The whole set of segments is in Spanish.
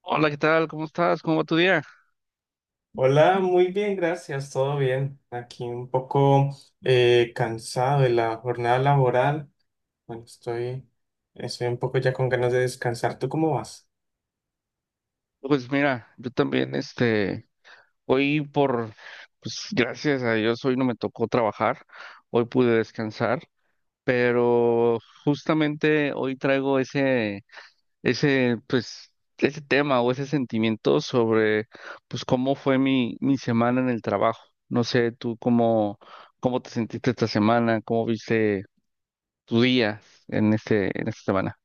Hola, ¿qué tal? ¿Cómo estás? ¿Cómo va tu día? Hola, muy bien, gracias, todo bien. Aquí un poco cansado de la jornada laboral. Bueno, estoy un poco ya con ganas de descansar. ¿Tú cómo vas? Pues mira, yo también, hoy por, pues gracias a Dios, hoy no me tocó trabajar, hoy pude descansar, pero justamente hoy traigo ese, ese tema o ese sentimiento sobre, pues, cómo fue mi semana en el trabajo. No sé, cómo te sentiste esta semana, cómo viste tu día en esta semana.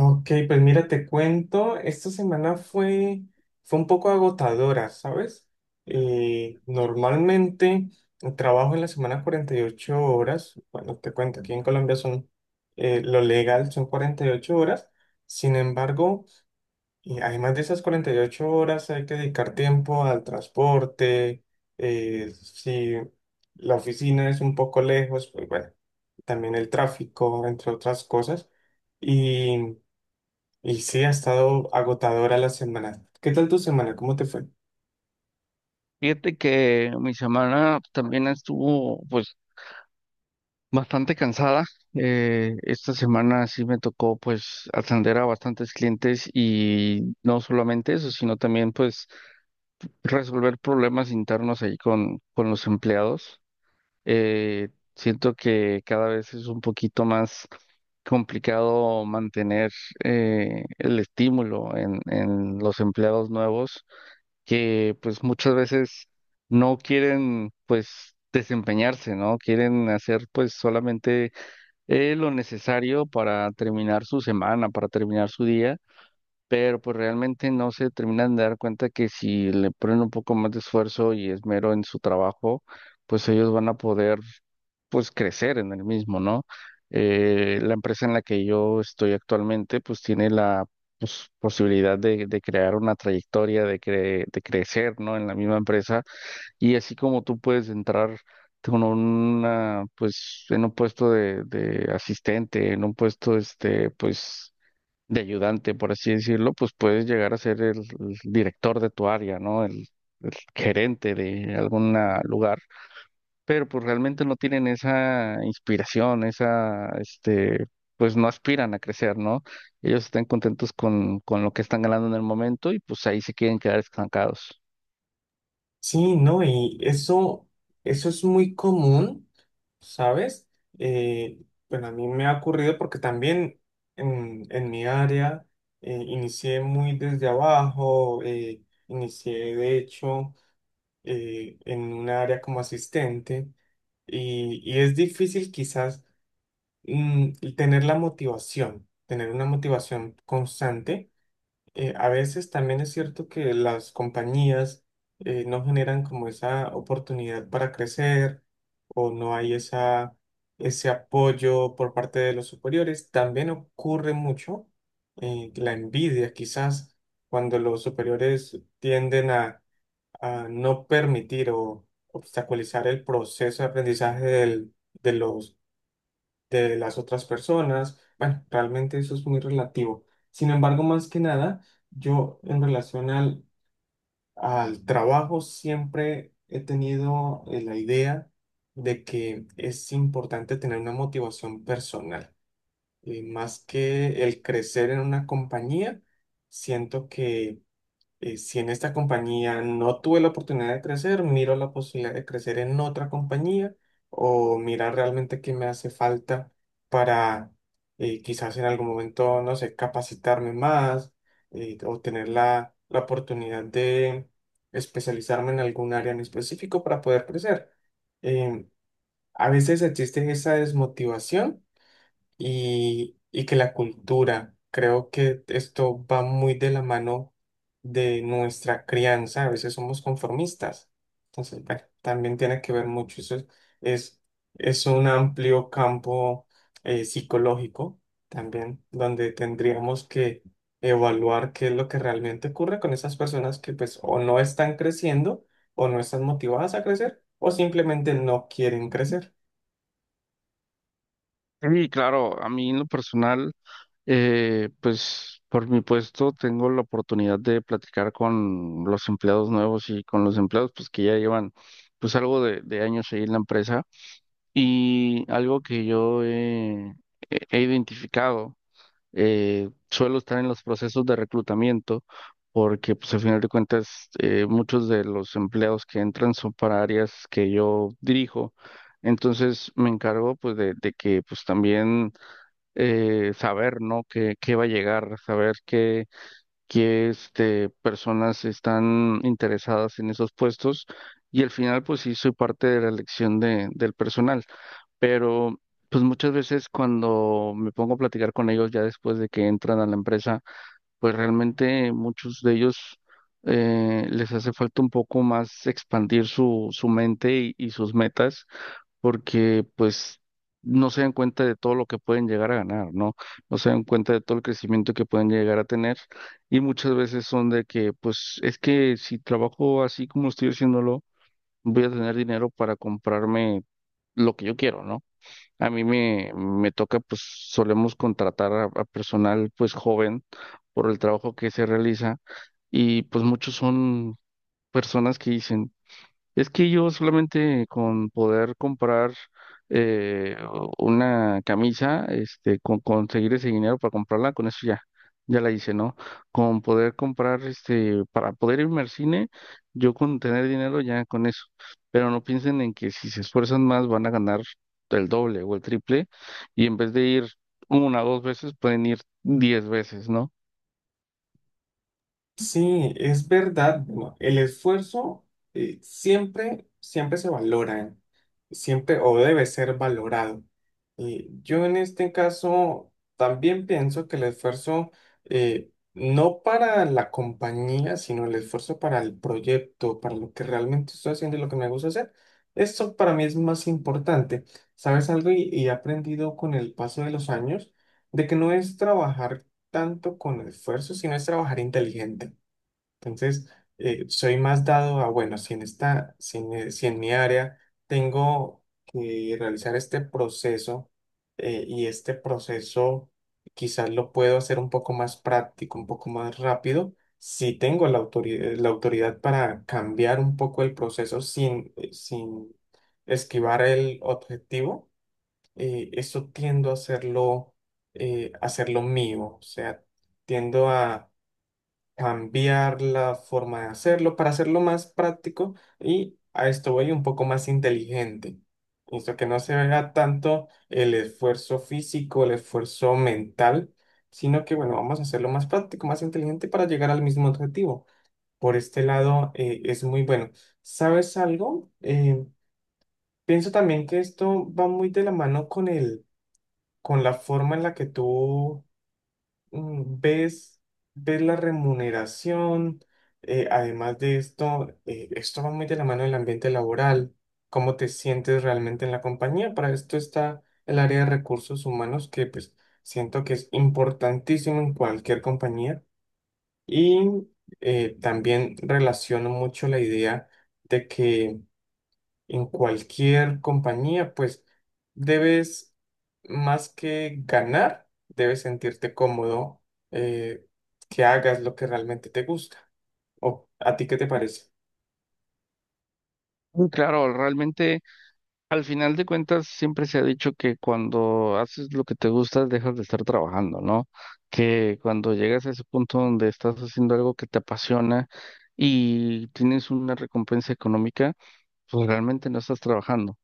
Ok, pues mira, te cuento, fue un poco agotadora, ¿sabes? Normalmente trabajo en la semana 48 horas. Bueno, te cuento, aquí en Colombia son, lo legal son 48 horas. Sin embargo, y además de esas 48 horas hay que dedicar tiempo al transporte, si la oficina es un poco lejos, pues bueno, también el tráfico, entre otras cosas. Y, y sí, ha estado agotadora la semana. ¿Qué tal tu semana? ¿Cómo te fue? Fíjate que mi semana también estuvo pues bastante cansada. Esta semana sí me tocó pues atender a bastantes clientes y no solamente eso, sino también pues resolver problemas internos ahí con los empleados. Eh, Siento que cada vez es un poquito más complicado mantener el estímulo en los empleados nuevos que pues muchas veces no quieren pues desempeñarse, ¿no? Quieren hacer pues solamente lo necesario para terminar su semana, para terminar su día, pero pues realmente no se terminan de dar cuenta que si le ponen un poco más de esfuerzo y esmero en su trabajo, pues ellos van a poder pues crecer en el mismo, ¿no? La empresa en la que yo estoy actualmente pues tiene la, pues, posibilidad de crear una trayectoria, de crecer, ¿no? En la misma empresa, y así como tú puedes entrar con una pues en un puesto de asistente, en un puesto este pues de ayudante, por así decirlo, pues puedes llegar a ser el director de tu área, ¿no? El gerente de algún lugar, pero pues realmente no tienen esa inspiración, pues no aspiran a crecer, ¿no? Ellos están contentos con lo que están ganando en el momento y pues ahí se quieren quedar estancados. Sí, no, y eso es muy común. ¿Sabes? Eh, bueno, a mí me ha ocurrido porque también en mi área inicié muy desde abajo, inicié de hecho en un área como asistente y es difícil quizás tener la motivación, tener una motivación constante a veces también es cierto que las compañías no generan como esa oportunidad para crecer o no hay ese apoyo por parte de los superiores. También ocurre mucho la envidia, quizás cuando los superiores tienden a no permitir o obstaculizar el proceso de aprendizaje de los de las otras personas. Bueno, realmente eso es muy relativo. Sin embargo, más que nada, yo en relación al trabajo siempre he tenido la idea de que es importante tener una motivación personal. Más que el crecer en una compañía, siento que si en esta compañía no tuve la oportunidad de crecer, miro la posibilidad de crecer en otra compañía o mirar realmente qué me hace falta para quizás en algún momento, no sé, capacitarme más o tener la oportunidad de especializarme en algún área en específico para poder crecer. Em, a veces existe esa desmotivación y que la cultura. Creo que esto va muy de la mano de nuestra crianza. A veces somos conformistas. Entonces, bueno, también tiene que ver mucho. Es, es un amplio campo psicológico también, donde tendríamos que evaluar qué es lo que realmente ocurre con esas personas que pues o no están creciendo o no están motivadas a crecer o simplemente no quieren crecer. Sí, claro, a mí en lo personal. Pues por mi puesto tengo la oportunidad de platicar con los empleados nuevos y con los empleados pues que ya llevan pues algo de años ahí en la empresa, y algo que yo he identificado, suelo estar en los procesos de reclutamiento porque pues al final de cuentas muchos de los empleados que entran son para áreas que yo dirijo. Entonces me encargo pues de que pues también saber, ¿no? Qué va a llegar, saber qué personas están interesadas en esos puestos. Y al final, pues sí, soy parte de la elección del personal. Pero pues muchas veces cuando me pongo a platicar con ellos ya después de que entran a la empresa, pues realmente muchos de ellos, les hace falta un poco más expandir su mente y sus metas, porque pues no se dan cuenta de todo lo que pueden llegar a ganar, ¿no? No se dan cuenta de todo el crecimiento que pueden llegar a tener, y muchas veces son de que pues es que si trabajo así como estoy haciéndolo, voy a tener dinero para comprarme lo que yo quiero, ¿no? A me toca, pues solemos contratar a personal pues joven por el trabajo que se realiza, y pues muchos son personas que dicen, es que yo solamente con poder comprar una camisa, este, con conseguir ese dinero para comprarla, con eso ya, ya la hice, ¿no? Con poder comprar, este, para poder irme al cine, yo con tener dinero ya con eso. Pero no piensen en que si se esfuerzan más van a ganar el doble o el triple, y en vez de ir una o dos veces pueden ir diez veces, ¿no? Sí, es verdad. Bueno, el esfuerzo siempre se valora, siempre o debe ser valorado. Y yo en este caso también pienso que el esfuerzo no para la compañía, sino el esfuerzo para el proyecto, para lo que realmente estoy haciendo y lo que me gusta hacer, esto para mí es más importante. ¿Sabes algo? Y he aprendido con el paso de los años de que no es trabajar tanto con esfuerzo, sino es trabajar inteligente. Entonces, soy más dado a, bueno, si en esta, si en, si en mi área tengo que realizar este proceso y este proceso quizás lo puedo hacer un poco más práctico, un poco más rápido, si tengo la autoridad para cambiar un poco el proceso sin esquivar el objetivo, eso tiendo a hacerlo, hacerlo mío, o sea, tiendo a cambiar la forma de hacerlo para hacerlo más práctico y a esto voy un poco más inteligente. Listo, que no se vea tanto el esfuerzo físico, el esfuerzo mental, sino que, bueno, vamos a hacerlo más práctico, más inteligente para llegar al mismo objetivo. Por este lado, es muy bueno. ¿Sabes algo? Pienso también que esto va muy de la mano con la forma en la que tú mm, ves, ves la remuneración, esto va muy de la mano del ambiente laboral, cómo te sientes realmente en la compañía. Para esto está el área de recursos humanos, que pues siento que es importantísimo en cualquier compañía. Y también relaciono mucho la idea de que en cualquier compañía, pues debes más que ganar, debes sentirte cómodo, eh, que hagas lo que realmente te gusta. ¿O a ti qué te parece? Y claro, realmente. Al final de cuentas, siempre se ha dicho que cuando haces lo que te gusta, dejas de estar trabajando, ¿no? Que cuando llegas a ese punto donde estás haciendo algo que te apasiona y tienes una recompensa económica, pues realmente no estás trabajando.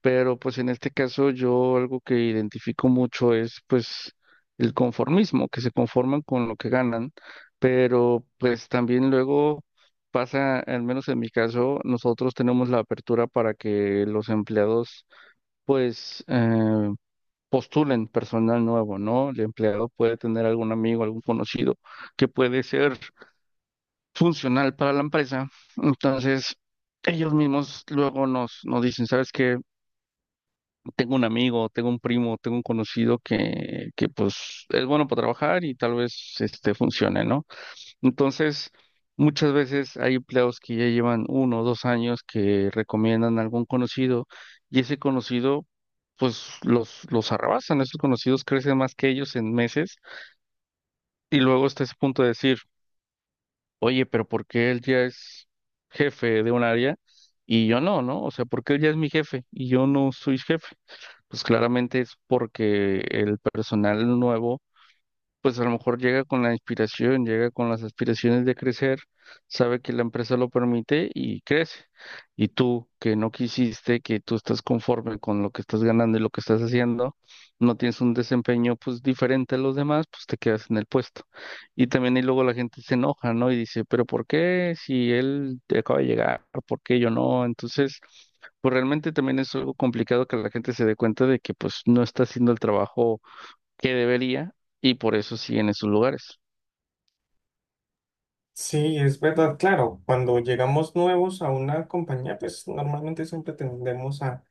Pero pues en este caso yo algo que identifico mucho es pues el conformismo, que se conforman con lo que ganan, pero pues también luego pasa, al menos en mi caso, nosotros tenemos la apertura para que los empleados pues, postulen personal nuevo, ¿no? El empleado puede tener algún amigo, algún conocido que puede ser funcional para la empresa. Entonces, ellos mismos luego nos dicen, ¿sabes qué? Tengo un amigo, tengo un primo, tengo un conocido que pues es bueno para trabajar y tal vez este funcione, ¿no? Entonces, muchas veces hay empleados que ya llevan uno o dos años que recomiendan a algún conocido, y ese conocido, pues los arrabasan, esos conocidos crecen más que ellos en meses, y luego está ese punto de decir, oye, pero ¿por qué él ya es jefe de un área y yo no, ¿no? O sea, ¿por qué él ya es mi jefe y yo no soy jefe? Pues claramente es porque el personal nuevo pues a lo mejor llega con la inspiración, llega con las aspiraciones de crecer, sabe que la empresa lo permite y crece. Y tú, que no quisiste, que tú estás conforme con lo que estás ganando y lo que estás haciendo, no tienes un desempeño pues diferente a los demás, pues te quedas en el puesto. Y también, y luego la gente se enoja, ¿no? Y dice, pero ¿por qué si él acaba de llegar? ¿Por qué yo no? Entonces, pues realmente también es algo complicado que la gente se dé cuenta de que pues no está haciendo el trabajo que debería, y por eso siguen en sus lugares. Sí, es verdad, claro, cuando llegamos nuevos a una compañía, pues normalmente siempre tendemos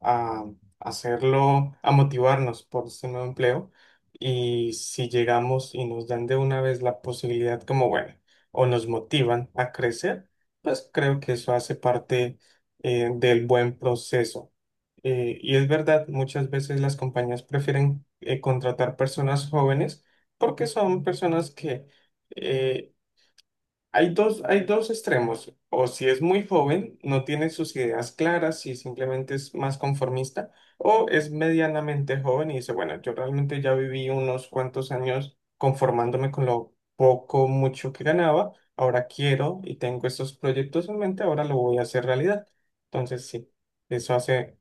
a hacerlo, a motivarnos por ese nuevo empleo. Y si llegamos y nos dan de una vez la posibilidad como, bueno, o nos motivan a crecer, pues creo que eso hace parte del buen proceso. Y es verdad, muchas veces las compañías prefieren contratar personas jóvenes porque son personas que eh, hay dos extremos. O si es muy joven, no tiene sus ideas claras y simplemente es más conformista, o es medianamente joven y dice, bueno, yo realmente ya viví unos cuantos años conformándome con lo poco, mucho que ganaba, ahora quiero y tengo estos proyectos en mente, ahora lo voy a hacer realidad. Entonces, sí, eso hace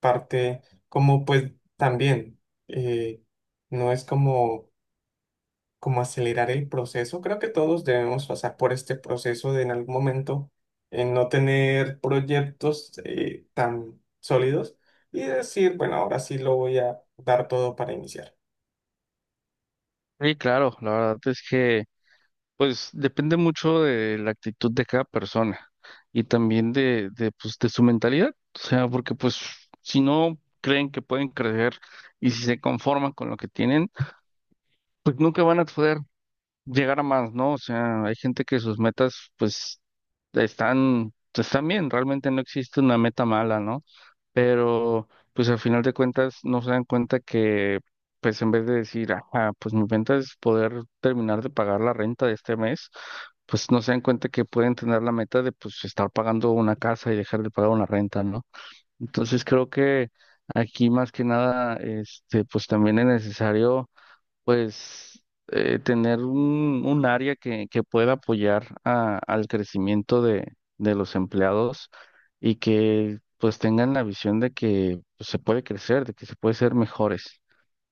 parte como pues también, eh, no es como como acelerar el proceso. Creo que todos debemos pasar por este proceso de en algún momento no tener proyectos tan sólidos y decir, bueno, ahora sí lo voy a dar todo para iniciar. Sí, claro, la verdad es que pues depende mucho de la actitud de cada persona, y también pues, de su mentalidad. O sea, porque pues si no creen que pueden crecer y si se conforman con lo que tienen, pues nunca van a poder llegar a más, ¿no? O sea, hay gente que sus metas, pues, están bien, realmente no existe una meta mala, ¿no? Pero, pues, al final de cuentas, no se dan cuenta que, pues, en vez de decir, ah, pues mi meta es poder terminar de pagar la renta de este mes, pues, no se dan cuenta que pueden tener la meta de, pues, estar pagando una casa y dejar de pagar una renta, ¿no? Entonces, creo que aquí, más que nada, este, pues, también es necesario pues, tener un área que pueda apoyar a- al crecimiento de los empleados, y que pues tengan la visión de que pues, se puede crecer, de que se puede ser mejores.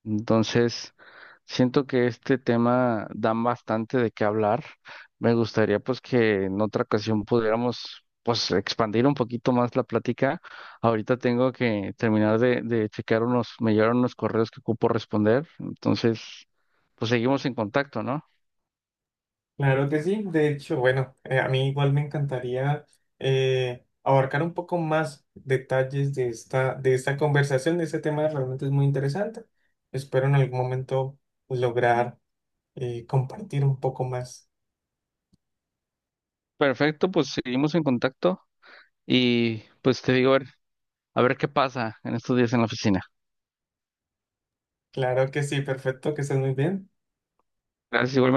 Entonces, siento que este tema da bastante de qué hablar. Me gustaría pues que en otra ocasión pudiéramos pues expandir un poquito más la plática. Ahorita tengo que terminar de checar unos, me llegaron unos correos que ocupo responder. Entonces pues seguimos en contacto, ¿no? Claro que sí, de hecho, bueno, a mí igual me encantaría abarcar un poco más detalles de esta conversación, de este tema realmente es muy interesante. Espero en algún momento lograr compartir un poco más. Perfecto, pues seguimos en contacto y pues te digo, a ver qué pasa en estos días en la oficina. Claro que sí, perfecto, que estés muy bien. Gracias, igual.